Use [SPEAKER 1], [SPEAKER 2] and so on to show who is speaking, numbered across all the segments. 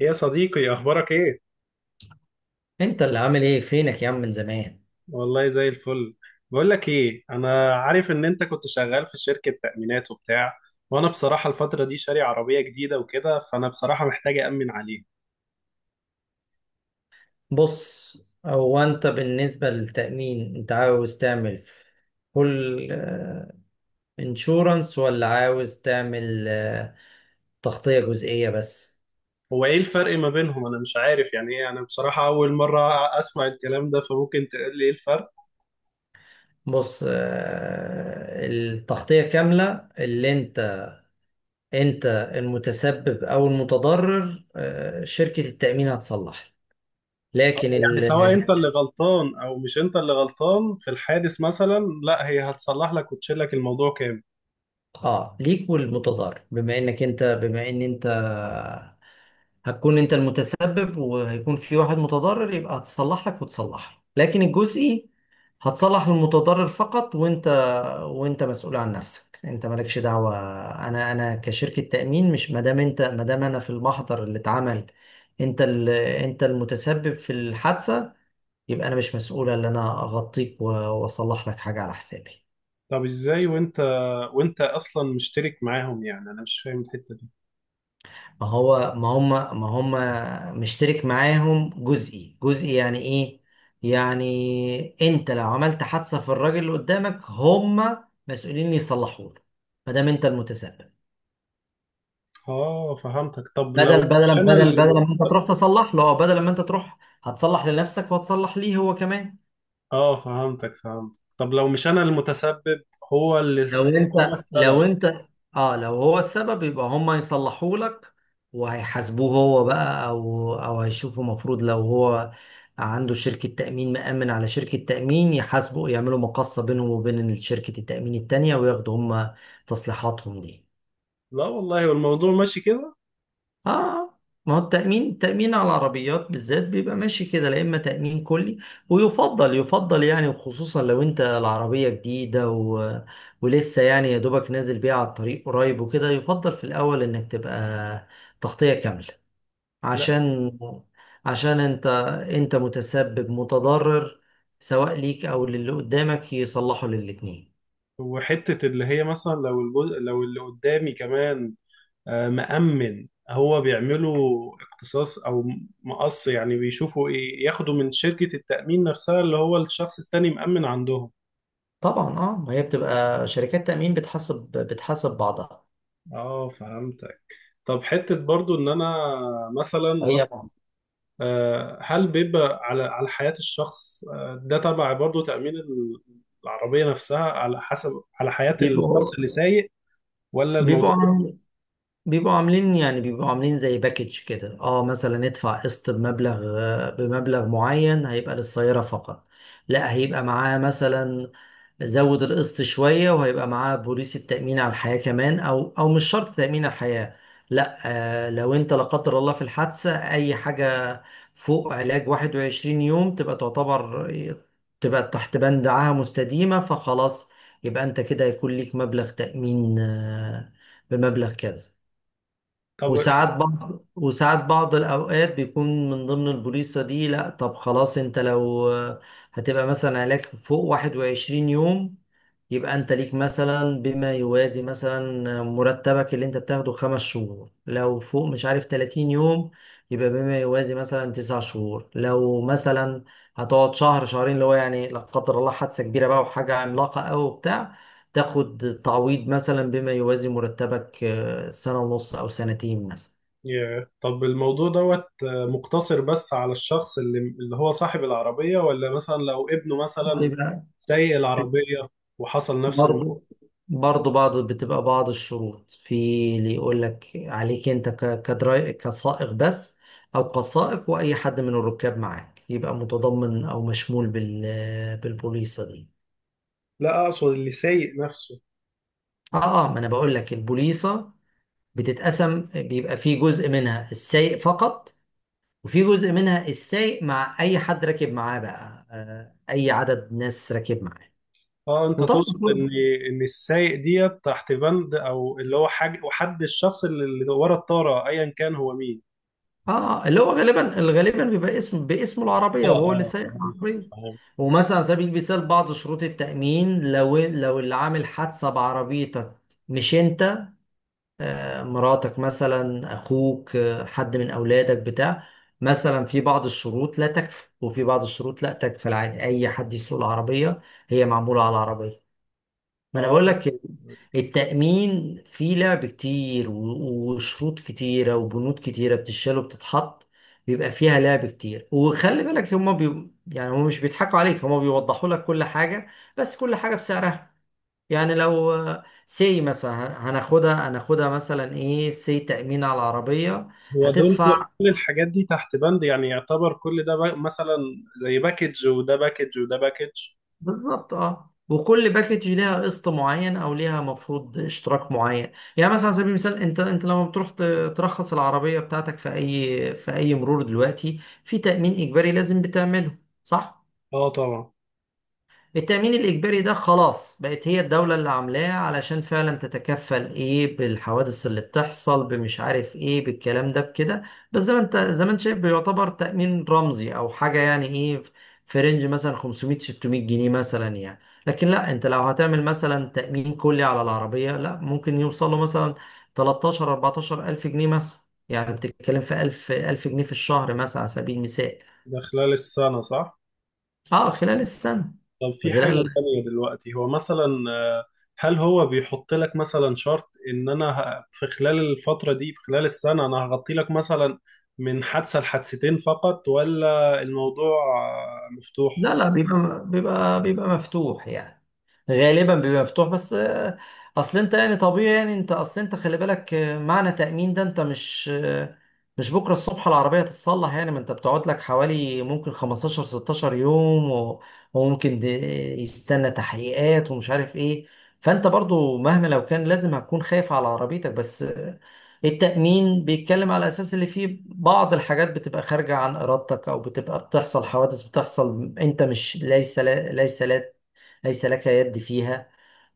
[SPEAKER 1] يا صديقي، اخبارك ايه؟
[SPEAKER 2] انت اللي عامل ايه فينك يا عم من زمان؟
[SPEAKER 1] والله زي الفل. بقول لك ايه، انا عارف ان انت كنت شغال في شركة تأمينات وبتاع. وانا بصراحة الفترة دي شاري عربية جديدة وكده، فانا بصراحة محتاج أأمن عليها.
[SPEAKER 2] بص. هو انت بالنسبة للتأمين انت عاوز تعمل فول انشورنس ولا عاوز تعمل تغطية جزئية بس؟
[SPEAKER 1] هو ايه الفرق ما بينهم؟ انا مش عارف يعني ايه. انا بصراحة اول مرة اسمع الكلام ده، فممكن تقول لي ايه الفرق؟
[SPEAKER 2] بص، التغطية كاملة، اللي انت المتسبب او المتضرر، شركة التأمين هتصلح، لكن
[SPEAKER 1] يعني سواء
[SPEAKER 2] ال-
[SPEAKER 1] انت اللي غلطان او مش انت اللي غلطان في الحادث مثلا، لا هي هتصلح لك وتشيل لك الموضوع كامل؟
[SPEAKER 2] اه ليك والمتضرر، بما انك انت بما ان انت هتكون انت المتسبب وهيكون في واحد متضرر، يبقى هتصلح لك وتصلح لك. لكن الجزئي هتصلح المتضرر فقط، وانت مسؤول عن نفسك، انت مالكش دعوة. انا كشركة تأمين، مش ما دام انا في المحضر اللي اتعمل انت المتسبب في الحادثة، يبقى انا مش مسؤول ان انا اغطيك واصلح لك حاجة على حسابي.
[SPEAKER 1] طب ازاي وانت، اصلا مشترك معاهم؟ يعني انا مش فاهم الحتة دي.
[SPEAKER 2] ما هو ما هم ما هم مشترك معاهم جزئي. جزئي يعني ايه؟ يعني انت لو عملت حادثة في الراجل اللي قدامك، هم مسؤولين يصلحوا له، ما دام انت المتسبب.
[SPEAKER 1] اه فهمتك. طب لو
[SPEAKER 2] بدل
[SPEAKER 1] مش
[SPEAKER 2] بدل
[SPEAKER 1] انا
[SPEAKER 2] بدل بدل
[SPEAKER 1] اللي...
[SPEAKER 2] ما انت تروح تصلح له، او بدل ما انت تروح هتصلح لنفسك، وهتصلح ليه هو كمان.
[SPEAKER 1] اه فهمتك فهمت. طب لو مش انا المتسبب، هو اللي س... هو
[SPEAKER 2] لو
[SPEAKER 1] السبب.
[SPEAKER 2] انت، اه لو هو السبب، يبقى هم هيصلحوا لك، وهيحاسبوه هو بقى، او هيشوفوا مفروض لو هو عنده شركة تأمين، مأمن على شركة تأمين، يحاسبوا، يعملوا مقاصة بينهم وبين شركة التأمين التانية، وياخدوا هم تصليحاتهم دي.
[SPEAKER 1] لا والله، والموضوع ماشي كده.
[SPEAKER 2] اه ما هو التأمين على العربيات بالذات بيبقى ماشي كده. لا، إما تأمين كلي، ويفضل يعني، وخصوصا لو أنت العربية جديدة ولسه يعني يا دوبك نازل بيها على الطريق قريب وكده، يفضل في الأول إنك تبقى تغطية كاملة،
[SPEAKER 1] لا،
[SPEAKER 2] عشان عشان أنت متسبب متضرر، سواء ليك أو للي قدامك، يصلحوا للاتنين.
[SPEAKER 1] وحتة اللي هي مثلا لو الجزء لو اللي قدامي كمان مأمن، هو بيعملوا اقتصاص او مقص؟ يعني بيشوفوا ايه، ياخدوا من شركة التأمين نفسها اللي هو الشخص التاني مأمن عندهم؟
[SPEAKER 2] طبعا، ما هي بتبقى شركات تأمين، بتحسب بعضها.
[SPEAKER 1] اه فهمتك. طب حتة برضو ان انا مثلا،
[SPEAKER 2] هي
[SPEAKER 1] هل بيبقى على حياة الشخص، ده تبع برضه تأمين العربية نفسها، على حسب على حياة
[SPEAKER 2] بيبقوا
[SPEAKER 1] الشخص اللي سايق، ولا الموضوع؟
[SPEAKER 2] بيبقوا بيبقوا عاملين يعني، بيبقوا عاملين زي باكج كده. اه مثلا، ادفع قسط بمبلغ، بمبلغ معين، هيبقى للسيارة فقط. لا، هيبقى معاه مثلا، زود القسط شوية وهيبقى معاه بوليصة تأمين على الحياة كمان، او مش شرط تأمين على الحياة. لا، لو انت لا قدر الله في الحادثة اي حاجة فوق علاج 21 يوم، تبقى تبقى تحت بند عاهة مستديمة، فخلاص، يبقى انت كده هيكون ليك مبلغ تأمين، بمبلغ كذا.
[SPEAKER 1] طب
[SPEAKER 2] وساعات بعض الأوقات بيكون من ضمن البوليصة دي. لأ، طب خلاص، أنت لو هتبقى مثلا علاج فوق 21 يوم، يبقى أنت ليك مثلا بما يوازي مثلا مرتبك اللي أنت بتاخده 5 شهور. لو فوق مش عارف 30 يوم، يبقى بما يوازي مثلا 9 شهور. لو مثلا هتقعد شهر شهرين، اللي هو يعني لا قدر الله حادثة كبيرة بقى وحاجة عملاقة أوي وبتاع، تاخد تعويض مثلا بما يوازي مرتبك، سنة ونص أو سنتين مثلا.
[SPEAKER 1] طب الموضوع دوت مقتصر بس على الشخص اللي هو صاحب العربية، ولا مثلا لو ابنه مثلا
[SPEAKER 2] بيبقى
[SPEAKER 1] سايق
[SPEAKER 2] بيبقى
[SPEAKER 1] العربية وحصل نفس
[SPEAKER 2] برضه برضه بتبقى بعض الشروط في اللي يقول لك عليك أنت ك- كدراي كسائق بس، أو كسائق وأي حد من الركاب معاك، يبقى متضمن أو مشمول بالبوليصة دي.
[SPEAKER 1] لا، أقصد اللي سايق نفسه.
[SPEAKER 2] ما أنا بقول لك، البوليصة بتتقسم، بيبقى في جزء منها السايق فقط، وفي جزء منها السايق مع اي حد راكب معاه بقى، اي عدد ناس راكب معاه.
[SPEAKER 1] اه، انت
[SPEAKER 2] وطبعا،
[SPEAKER 1] تقصد ان السايق ديت تحت بند او اللي هو حاجه، وحد الشخص اللي ورا الطاره ايا كان هو مين.
[SPEAKER 2] اه اللي هو غالبا بيبقى اسم باسم
[SPEAKER 1] اه
[SPEAKER 2] العربيه وهو اللي
[SPEAKER 1] اه،
[SPEAKER 2] سايق
[SPEAKER 1] فهمت
[SPEAKER 2] العربيه.
[SPEAKER 1] فهمت.
[SPEAKER 2] ومثلا على سبيل المثال، بعض شروط التامين، لو اللي عامل حادثه بعربيتك مش انت، مراتك مثلا، اخوك، حد من اولادك بتاع، مثلا في بعض الشروط لا تكفي، وفي بعض الشروط لا تكفي العادي، اي حد يسوق العربيه، هي معموله على العربيه. ما انا
[SPEAKER 1] اه،
[SPEAKER 2] بقول لك، التأمين فيه لعب كتير، وشروط كتيرة وبنود كتيرة بتشال وبتتحط، بيبقى فيها لعب كتير. وخلي بالك، يعني هما مش بيضحكوا عليك، هما بيوضحوا لك كل حاجة، بس كل حاجة بسعرها. يعني لو سي مثلا، هناخدها مثلا ايه، سي تأمين على العربية،
[SPEAKER 1] هو دول كل
[SPEAKER 2] هتدفع.
[SPEAKER 1] الحاجات دي تحت بند؟ يعني يعتبر كل ده مثلا زي باكج، وده باكج، وده باكج.
[SPEAKER 2] بالظبط، وكل باكج ليها قسط معين، او ليها مفروض اشتراك معين. يعني مثلا على سبيل المثال، انت لما بتروح ترخص العربيه بتاعتك في اي مرور دلوقتي، في تامين اجباري لازم بتعمله، صح؟
[SPEAKER 1] اه طبعا.
[SPEAKER 2] التأمين الإجباري ده خلاص بقت هي الدولة اللي عاملاه علشان فعلا تتكفل، إيه، بالحوادث اللي بتحصل بمش عارف إيه بالكلام ده بكده. بس زي ما أنت شايف، بيعتبر تأمين رمزي أو حاجة، يعني إيه، في رينج مثلا 500 600 جنيه مثلا يعني. لكن لا، أنت لو هتعمل مثلا تأمين كلي على العربية، لا ممكن يوصل له مثلا 13 14 ألف جنيه مثلا. يعني
[SPEAKER 1] ده
[SPEAKER 2] بتتكلم في 1000 1000 جنيه في الشهر مثلا على سبيل المثال.
[SPEAKER 1] ده خلال السنة، صح؟
[SPEAKER 2] أه، خلال السنة.
[SPEAKER 1] طب في حاجة
[SPEAKER 2] خلال
[SPEAKER 1] تانية دلوقتي، هو مثلا، آه، هل هو بيحط لك مثلا شرط ان انا في خلال الفترة دي، في خلال السنة، انا هغطي لك مثلا من حادثة لحادثتين فقط، ولا الموضوع مفتوح؟
[SPEAKER 2] لا لا، بيبقى مفتوح يعني. غالبا بيبقى مفتوح بس. اصل انت يعني طبيعي يعني انت اصل انت خلي بالك، معنى تأمين ده، انت مش بكره الصبح العربية تتصلح يعني. ما انت بتقعد لك حوالي ممكن 15 16 يوم، وممكن د- يستنى تحقيقات ومش عارف ايه. فانت برضو مهما لو كان لازم، هتكون خايف على عربيتك، بس التأمين بيتكلم على أساس اللي فيه بعض الحاجات بتبقى خارجة عن إرادتك، أو بتبقى بتحصل حوادث بتحصل أنت مش ليس لك يد فيها.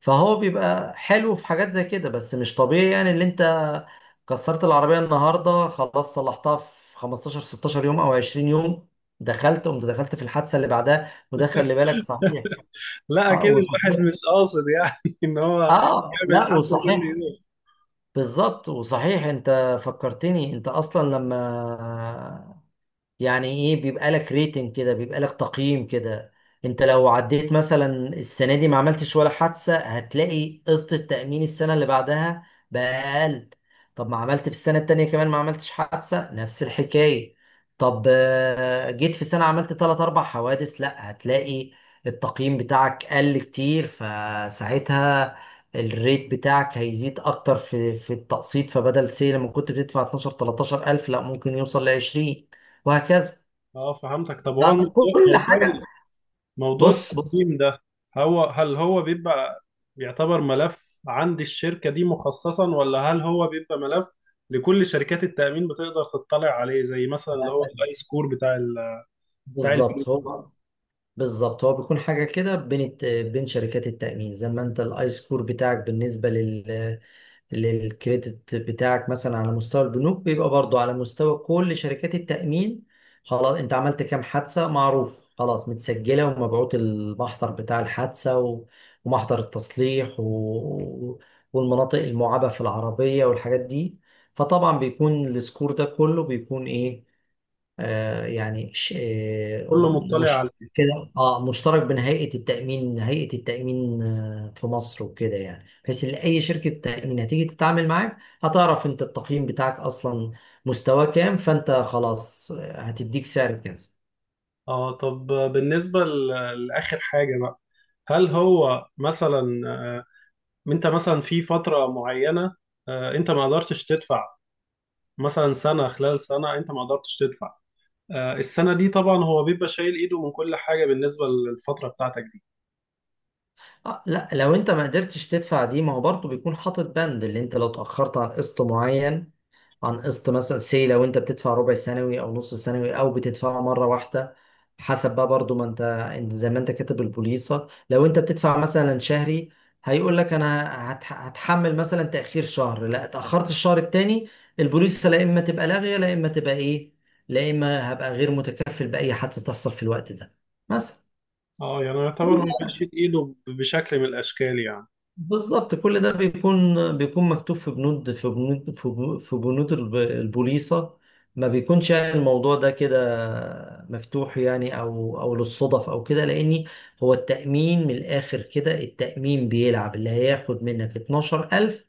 [SPEAKER 2] فهو بيبقى حلو في حاجات زي كده. بس مش طبيعي يعني اللي أنت كسرت العربية النهاردة، خلاص صلحتها في 15 16 يوم أو 20 يوم، دخلت قمت دخلت في الحادثة اللي بعدها، وده خلي بالك. صحيح.
[SPEAKER 1] لا
[SPEAKER 2] اه
[SPEAKER 1] اكيد، الواحد
[SPEAKER 2] وصحيح
[SPEAKER 1] مش قاصد يعني ان هو
[SPEAKER 2] اه
[SPEAKER 1] يعمل
[SPEAKER 2] لا
[SPEAKER 1] حادثه كل
[SPEAKER 2] وصحيح،
[SPEAKER 1] يوم.
[SPEAKER 2] بالظبط. وصحيح، انت فكرتني، انت اصلا لما، يعني ايه، بيبقى لك ريتنج كده، بيبقى لك تقييم كده. انت لو عديت مثلا السنه دي ما عملتش ولا حادثه، هتلاقي قسط التامين السنه اللي بعدها بقى اقل. طب ما عملت في السنه التانيه كمان، ما عملتش حادثه، نفس الحكايه. طب جيت في سنه عملت تلات اربع حوادث، لا هتلاقي التقييم بتاعك قل كتير، فساعتها الريت بتاعك هيزيد اكتر في التقسيط. فبدل سي لما كنت بتدفع 12 13 الف، لا ممكن يوصل ل 20 وهكذا.
[SPEAKER 1] اه فهمتك. طب هو
[SPEAKER 2] ده
[SPEAKER 1] الموضوع
[SPEAKER 2] كل
[SPEAKER 1] موضوع
[SPEAKER 2] حاجه.
[SPEAKER 1] موضوع
[SPEAKER 2] بص.
[SPEAKER 1] التقديم ده، هل هو بيبقى ملف عند الشركه دي مخصصا، ولا هل هو بيبقى ملف لكل شركات التامين بتقدر تطلع عليه، زي مثلا اللي هو
[SPEAKER 2] ده-
[SPEAKER 1] الاي سكور بتاع
[SPEAKER 2] بالظبط.
[SPEAKER 1] البنوك؟
[SPEAKER 2] هو بيكون حاجه كده بين بين شركات التامين، زي ما انت الاي سكور بتاعك بالنسبه للكريدت بتاعك مثلا على مستوى البنوك، بيبقى برضو على مستوى كل شركات التأمين. خلاص، انت عملت كام حادثة معروف، خلاص، متسجلة، ومبعوت المحضر بتاع الحادثة، ومحضر التصليح والمناطق المعابة في العربية والحاجات دي. فطبعا بيكون السكور ده كله، بيكون ايه،
[SPEAKER 1] كله مطلع عليه.
[SPEAKER 2] مش كده، مشترك بين هيئة التأمين، في مصر وكده، يعني بحيث ان اي شركة تأمين هتيجي تتعامل معاك، هتعرف انت التقييم بتاعك اصلا مستواه كام. فانت خلاص، هتديك سعر كذا.
[SPEAKER 1] اه، طب بالنسبه لاخر حاجه بقى، هل هو مثلا، انت مثلا في فترة معينة، انت ما قدرتش تدفع، مثلا سنة، خلال سنة انت ما قدرتش تدفع، السنة دي، طبعا هو بيبقى شايل ايده من كل حاجة بالنسبة للفترة بتاعتك دي؟
[SPEAKER 2] لا، لو انت ما قدرتش تدفع دي، ما هو برضه بيكون حاطط بند، اللي انت لو اتأخرت عن قسط معين، عن قسط مثلا، سي لو انت بتدفع ربع سنوي او نص سنوي او بتدفعه مره واحده، حسب بقى برضو ما انت انت زي ما انت كاتب البوليصه. لو انت بتدفع مثلا شهري، هيقول لك انا هتحمل مثلا تاخير شهر، لا اتاخرت الشهر التاني، البوليصه لا اما تبقى لاغيه، لا اما هبقى غير متكفل باي حادثه تحصل في الوقت ده مثلا.
[SPEAKER 1] اه، يعني يعتبر هو بيشيل ايده بشكل من الاشكال يعني.
[SPEAKER 2] بالظبط، كل ده بيكون، مكتوب في بنود، في بنود البوليصة. ما بيكونش يعني الموضوع ده كده مفتوح يعني، او للصدف او كده. لاني، هو التأمين من الاخر كده، التأمين بيلعب، اللي هياخد منك 12000،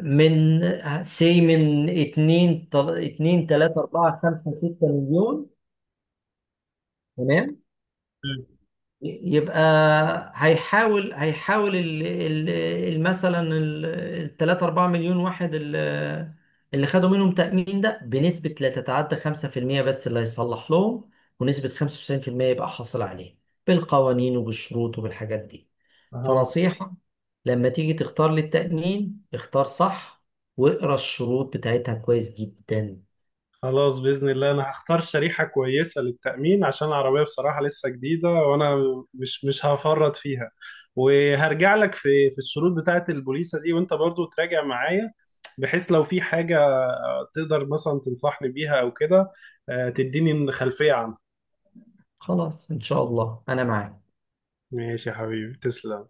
[SPEAKER 2] من سي، من 2 2 3 4 5 6 مليون،
[SPEAKER 1] مم.
[SPEAKER 2] يبقى هيحاول مثلا الثلاثة أربعة مليون واحد، اللي خدوا منهم تأمين ده، بنسبة لا تتعدى 5% بس اللي هيصلح لهم، ونسبة 95% يبقى حاصل عليه بالقوانين وبالشروط وبالحاجات دي.
[SPEAKER 1] فهمت.
[SPEAKER 2] فنصيحة، لما تيجي تختار للتأمين، اختار صح، واقرا الشروط بتاعتها كويس جدا.
[SPEAKER 1] خلاص، بإذن الله انا هختار شريحة كويسة للتأمين، عشان العربية بصراحة لسه جديدة وانا مش هفرط فيها. وهرجع لك في الشروط بتاعة البوليسة دي، وانت برضو تراجع معايا بحيث لو في حاجة، تقدر مثلا تنصحني بيها او كده، تديني خلفية عنها.
[SPEAKER 2] خلاص، إن شاء الله أنا معاك.
[SPEAKER 1] ماشي يا حبيبي، تسلم.